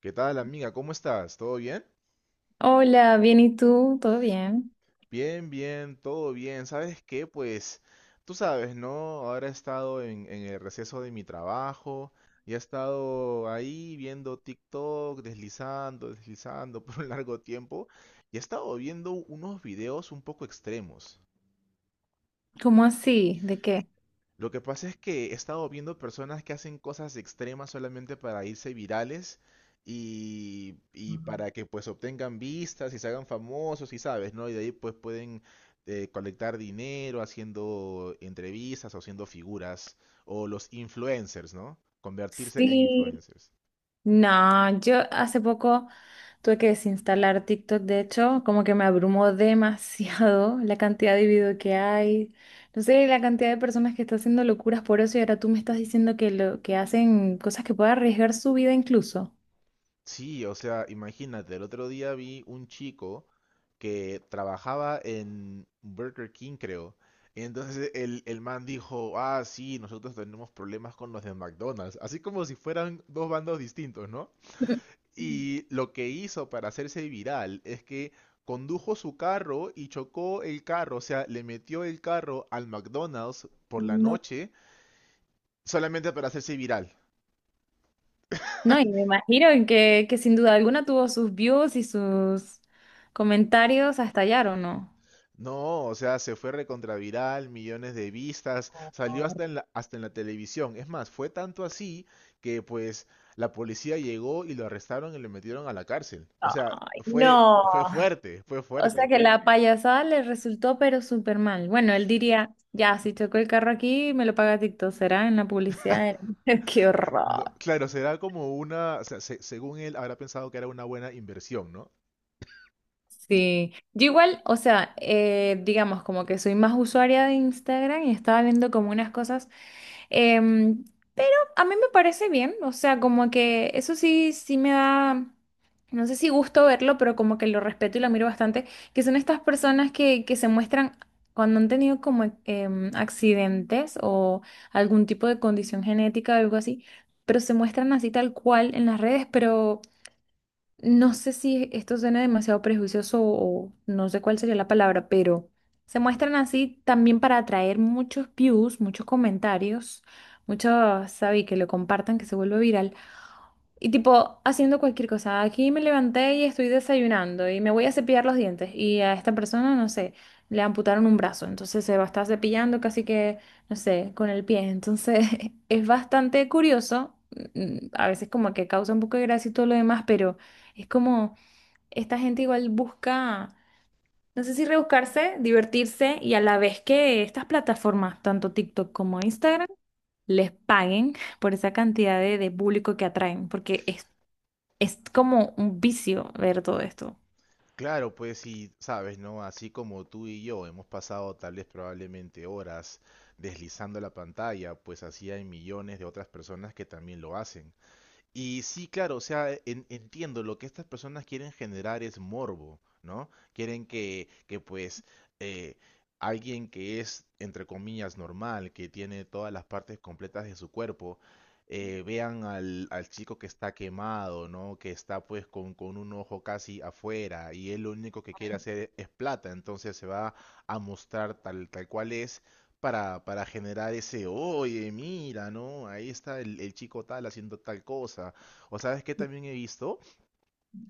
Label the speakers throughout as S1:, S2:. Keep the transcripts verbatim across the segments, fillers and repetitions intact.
S1: ¿Qué tal, amiga? ¿Cómo estás? ¿Todo bien?
S2: Hola, bien, ¿y tú? ¿Todo bien?
S1: Bien, bien, todo bien. ¿Sabes qué? Pues tú sabes, ¿no? Ahora he estado en, en el receso de mi trabajo y he estado ahí viendo TikTok, deslizando, deslizando por un largo tiempo y he estado viendo unos videos un poco extremos.
S2: ¿Cómo así? ¿De qué?
S1: Lo que pasa es que he estado viendo personas que hacen cosas extremas solamente para irse virales y, y para que pues obtengan vistas y se hagan famosos y sabes, ¿no? Y de ahí pues pueden eh, colectar dinero haciendo entrevistas o haciendo figuras o los influencers, ¿no? Convertirse en
S2: Sí.
S1: influencers.
S2: No, yo hace poco tuve que desinstalar TikTok, de hecho, como que me abrumó demasiado la cantidad de video que hay. No sé, la cantidad de personas que están haciendo locuras por eso y ahora tú me estás diciendo que lo que hacen cosas que pueden arriesgar su vida incluso.
S1: Sí, o sea, imagínate, el otro día vi un chico que trabajaba en Burger King, creo. Y entonces el, el man dijo, ah, sí, nosotros tenemos problemas con los de McDonald's, así como si fueran dos bandos distintos, ¿no? Y lo que hizo para hacerse viral es que condujo su carro y chocó el carro, o sea, le metió el carro al McDonald's por la
S2: No.
S1: noche solamente para hacerse viral.
S2: No, y me imagino que, que sin duda alguna tuvo sus views y sus comentarios a estallar, ¿o no?
S1: No, o sea, se fue recontraviral, millones de vistas, salió hasta en la, hasta en la televisión. Es más, fue tanto así que pues la policía llegó y lo arrestaron y lo metieron a la cárcel. O sea,
S2: Ay,
S1: fue,
S2: no.
S1: fue fuerte, fue
S2: O sea
S1: fuerte.
S2: que la payasada le resultó pero súper mal. Bueno, él diría, ya, si choco el carro aquí, me lo paga TikTok, será en la publicidad. Qué
S1: No,
S2: horror.
S1: claro, será como una, o sea, se- según él habrá pensado que era una buena inversión, ¿no?
S2: Sí, yo igual, o sea, eh, digamos como que soy más usuaria de Instagram y estaba viendo como unas cosas. Em, pero a mí me parece bien, o sea, como que eso sí, sí me da, no sé si gusto verlo, pero como que lo respeto y lo miro bastante, que son estas personas que, que se muestran cuando han tenido como em, accidentes o algún tipo de condición genética o algo así, pero se muestran así tal cual en las redes, pero no sé si esto suena demasiado prejuicioso o no sé cuál sería la palabra, pero se muestran así también para atraer muchos views, muchos comentarios, muchos, sabí, que lo compartan, que se vuelva viral. Y tipo, haciendo cualquier cosa. Aquí me levanté y estoy desayunando y me voy a cepillar los dientes. Y a esta persona, no sé, le amputaron un brazo. Entonces se va a estar cepillando casi que, no sé, con el pie. Entonces es bastante curioso. mm, A veces como que causa un poco de gracia y todo lo demás, pero es como esta gente igual busca, no sé si rebuscarse, divertirse y a la vez que estas plataformas, tanto TikTok como Instagram, les paguen por esa cantidad de, de público que atraen, porque es es como un vicio ver todo esto.
S1: Claro, pues sí, sabes, ¿no? Así como tú y yo hemos pasado tal vez probablemente horas deslizando la pantalla, pues así hay millones de otras personas que también lo hacen. Y sí, claro, o sea, e, en- entiendo, lo que estas personas quieren generar es morbo, ¿no? Quieren que, que pues, eh, alguien que es, entre comillas, normal, que tiene todas las partes completas de su cuerpo, eh, vean al, al chico que está quemado, ¿no? Que está pues con, con un ojo casi afuera y él lo único que quiere hacer es plata, entonces se va a mostrar tal, tal cual es para, para generar ese, oye, mira, ¿no? Ahí está el, el chico tal haciendo tal cosa. O sabes que también he visto,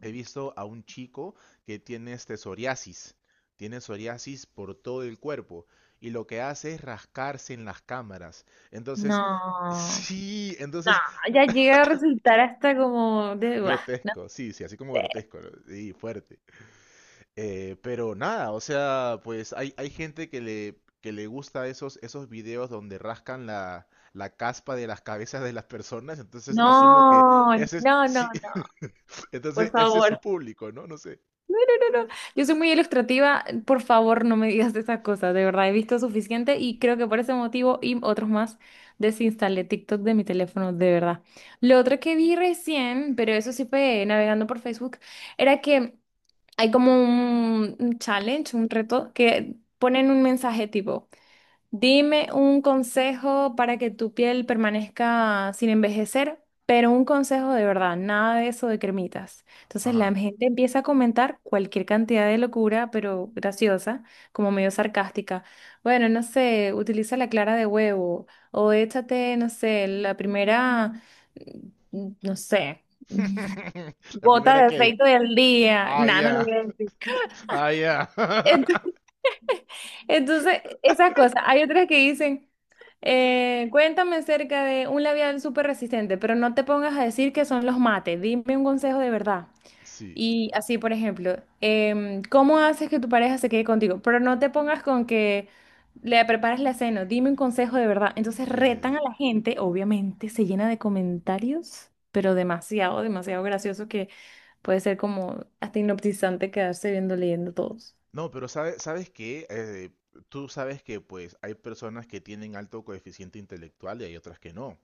S1: he visto a un chico que tiene este psoriasis, tiene psoriasis por todo el cuerpo y lo que hace es rascarse en las cámaras. Entonces,
S2: No,
S1: sí,
S2: no,
S1: entonces,
S2: ya llega a resultar hasta como de, "Buah, no
S1: grotesco, sí, sí, así como
S2: sé".
S1: grotesco, ¿no? Sí, fuerte. Eh, pero nada, o sea, pues hay, hay gente que le, que le gusta esos, esos videos donde rascan la, la caspa de las cabezas de las personas, entonces asumo que
S2: No,
S1: ese es,
S2: no, no,
S1: sí,
S2: no, por
S1: entonces ese es su
S2: favor.
S1: público, ¿no? No sé.
S2: No, no, no, no. Yo soy muy ilustrativa, por favor no me digas esas cosas, de verdad he visto suficiente y creo que por ese motivo y otros más desinstalé TikTok de mi teléfono, de verdad. Lo otro que vi recién, pero eso sí fue navegando por Facebook, era que hay como un un challenge, un reto, que ponen un mensaje tipo, dime un consejo para que tu piel permanezca sin envejecer, pero un consejo de verdad, nada de eso de cremitas. Entonces
S1: Ajá.
S2: la gente empieza a comentar cualquier cantidad de locura, pero graciosa, como medio sarcástica. Bueno, no sé, utiliza la clara de huevo o échate, no sé, la primera, mm, no sé.
S1: La
S2: Gota
S1: primera
S2: de
S1: que...
S2: aceite del día.
S1: Ah,
S2: Nada, no lo
S1: ya.
S2: voy a decir.
S1: Ah, ya.
S2: Ent- Entonces, esas cosas. Hay otras que dicen, eh, cuéntame acerca de un labial súper resistente, pero no te pongas a decir que son los mates. Dime un consejo de verdad.
S1: Sí,
S2: Y así, por ejemplo, em, ¿cómo haces que tu pareja se quede contigo? Pero no te pongas con que le preparas la cena. Dime un consejo de verdad. Entonces,
S1: sí, sí, sí.
S2: retan a la gente, obviamente, se llena de comentarios, pero demasiado, demasiado gracioso que puede ser como hasta hipnotizante quedarse viendo, leyendo todos.
S1: No, pero sabes, sabes qué, Eh, tú sabes que pues hay personas que tienen alto coeficiente intelectual y hay otras que no.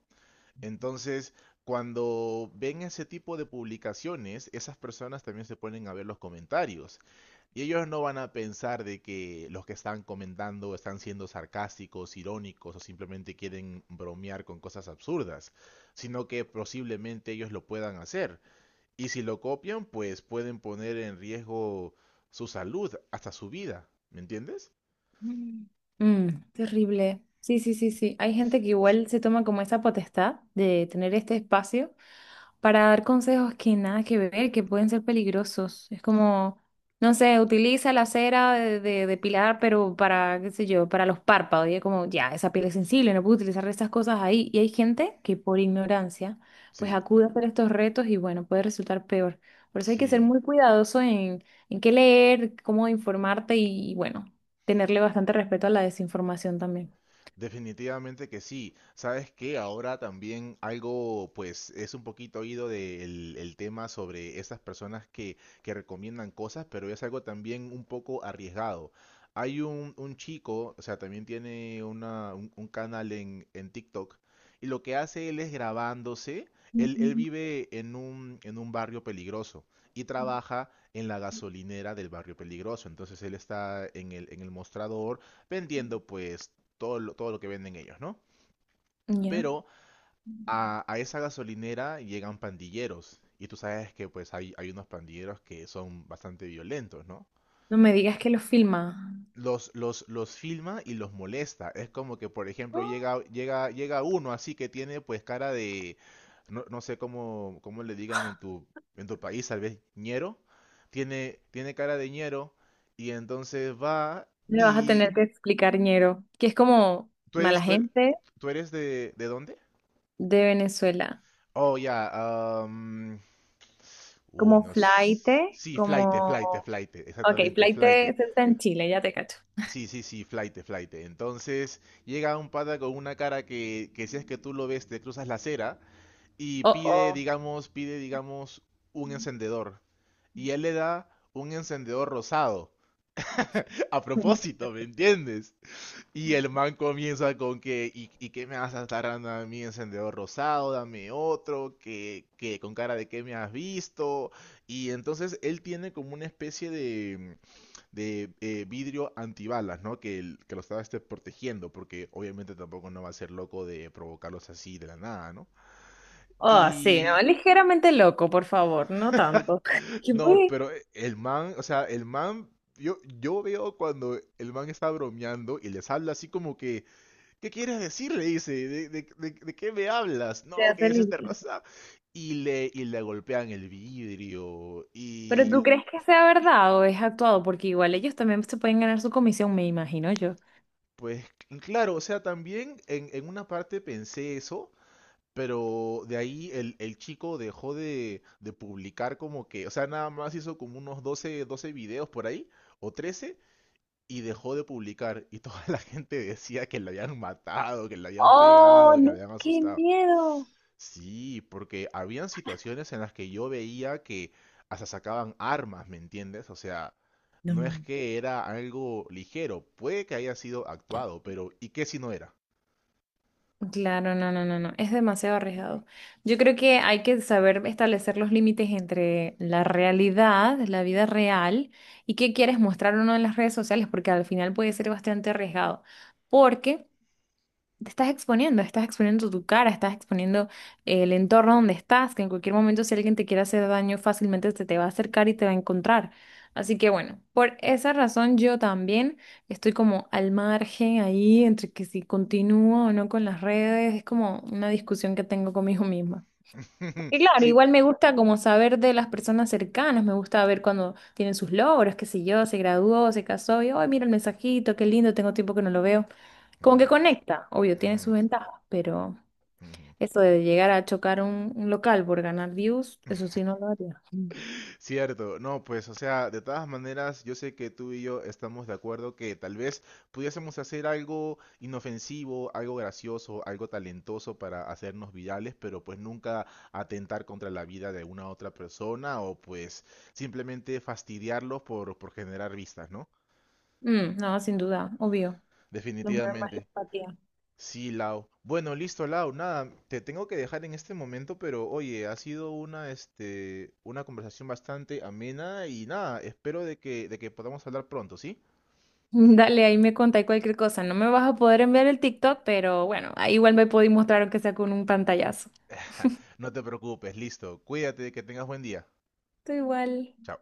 S1: Entonces, cuando ven ese tipo de publicaciones, esas personas también se ponen a ver los comentarios. Y ellos no van a pensar de que los que están comentando están siendo sarcásticos, irónicos o simplemente quieren bromear con cosas absurdas, sino que posiblemente ellos lo puedan hacer. Y si lo copian, pues pueden poner en riesgo su salud, hasta su vida. ¿Me entiendes?
S2: Mm. Mm, terrible. Sí, sí, sí, sí. Hay gente que igual se toma como esa potestad de tener este espacio para dar consejos que nada que ver, que pueden ser peligrosos. Es como, no sé, utiliza la cera de, de depilar, pero para, qué sé yo, para los párpados. Y es como, ya, esa piel es sensible, no puedo utilizar estas cosas ahí. Y hay gente que por ignorancia, pues
S1: Sí,
S2: acude a hacer estos retos y bueno, puede resultar peor. Por eso hay que ser
S1: sí.
S2: muy cuidadoso en, en qué leer, cómo informarte y bueno, tenerle bastante respeto a la desinformación también.
S1: Definitivamente que sí. Sabes que ahora también algo, pues, es un poquito oído del el tema sobre esas personas que, que recomiendan cosas, pero es algo también un poco arriesgado. Hay un, un chico, o sea, también tiene una, un, un canal en, en TikTok, y lo que hace él es grabándose. Él, él vive en un, en un barrio peligroso y trabaja en la gasolinera del barrio peligroso. Entonces él está en el, en el mostrador vendiendo pues todo lo, todo lo que venden ellos, ¿no?
S2: Ya.
S1: Pero a, a esa gasolinera llegan pandilleros. Y tú sabes que pues hay, hay unos pandilleros que son bastante violentos, ¿no?
S2: No me digas que los filma.
S1: Los, los, los filma y los molesta. Es como que, por ejemplo, llega, llega, llega uno así que tiene pues cara de, no, no sé cómo, cómo le digan en tu, en tu país, tal vez ñero. Tiene, tiene cara de ñero y entonces va
S2: Me vas a
S1: y
S2: tener que explicar, ñero, que es como
S1: tú
S2: mala
S1: eres, tú eres,
S2: gente
S1: tú eres de, ¿de dónde?
S2: de Venezuela,
S1: Oh, ya, am, uy,
S2: como
S1: no. s-
S2: flaite,
S1: Sí, flight, flight,
S2: como...
S1: flight,
S2: Ok,
S1: exactamente, flight.
S2: flaite se está en Chile, ya te cacho.
S1: Sí, sí, sí, flight, flight. Entonces llega un pata con una cara que, que si es que tú lo ves, te cruzas la acera y
S2: Oh,
S1: pide,
S2: oh.
S1: digamos, pide, digamos, un encendedor. Y él le da un encendedor rosado. A propósito, ¿me entiendes? Y el man comienza con que, ¿y, y qué me vas a estar dando a mí encendedor rosado? Dame otro, que, que con cara de que me has visto. Y entonces él tiene como una especie de, de eh, vidrio antibalas, ¿no? Que, el- que lo estaba este, protegiendo, porque obviamente tampoco no va a ser loco de provocarlos así de la nada, ¿no?
S2: Oh, sí, no,
S1: Y
S2: ligeramente loco, por favor, no tanto. ¿Qué
S1: no,
S2: puede
S1: pero e- el man, o sea, el man, yo, yo veo cuando el man está bromeando y les habla así como que ¿qué quieres decir? Le dice, ¿de, de, de, de qué me hablas?
S2: ser
S1: No, que
S2: hacer
S1: es esta
S2: libre?
S1: raza. Y le, y le golpean el vidrio.
S2: Pero ¿tú
S1: Y
S2: crees que sea verdad o es actuado? Porque igual ellos también se pueden ganar su comisión, me imagino yo.
S1: pues, claro, o sea, también en, en una parte pensé eso, pero de ahí el, el chico dejó de, de publicar como que, o sea, nada más hizo como unos doce doce videos por ahí, o trece y dejó de publicar. Y toda la gente decía que le habían matado, que le habían pegado,
S2: Oh,
S1: que le
S2: no,
S1: habían
S2: qué
S1: asustado.
S2: miedo.
S1: Sí, porque habían situaciones en las que yo veía que hasta sacaban armas, ¿me entiendes? O sea,
S2: No.
S1: no es que era algo ligero, puede que haya sido actuado, pero ¿y qué si no era?
S2: Claro, no, no, no, no, es demasiado arriesgado. Yo creo que hay que saber establecer los límites entre la realidad, la vida real, y qué quieres mostrar o no en las redes sociales, porque al final puede ser bastante arriesgado. Porque te estás exponiendo, estás exponiendo tu cara, estás exponiendo eh, el entorno donde estás, que en cualquier momento si alguien te quiere hacer daño, fácilmente se te va a acercar y te va a encontrar. Así que bueno, por esa razón yo también estoy como al margen ahí entre que si continúo o no con las redes, es como una discusión que tengo conmigo misma. Y claro,
S1: Sí.
S2: igual
S1: P-
S2: me gusta como saber de las personas cercanas, me gusta ver cuando tienen sus logros, qué sé yo, se graduó, se casó, y, ay, mira el mensajito, qué lindo, tengo tiempo que no lo veo. Como
S1: ujú,
S2: que conecta, obvio, tiene
S1: ujú,
S2: sus ventajas, pero
S1: ujú.
S2: eso de llegar a chocar un, un local por ganar views, eso sí no lo haría. Mm.
S1: Cierto, no, pues, o sea, de todas maneras, yo sé que tú y yo estamos de acuerdo que tal vez pudiésemos hacer algo inofensivo, algo gracioso, algo talentoso para hacernos virales, pero pues nunca atentar contra la vida de una otra persona o pues simplemente fastidiarlos por, por generar vistas, ¿no?
S2: Mm, no, sin duda, obvio. Nos mueve más la
S1: Definitivamente.
S2: empatía.
S1: Sí, Lau. Bueno, listo, Lau. Nada, te tengo que dejar en este momento, pero oye, ha sido una, este, una conversación bastante amena y nada, espero de que, de que podamos hablar pronto, ¿sí?
S2: Dale, ahí me contáis cualquier cosa. No me vas a poder enviar el TikTok, pero bueno, ahí igual me podéis mostrar aunque sea con un pantallazo.
S1: No te preocupes, listo. Cuídate, que tengas buen día.
S2: Tú igual.
S1: Chao.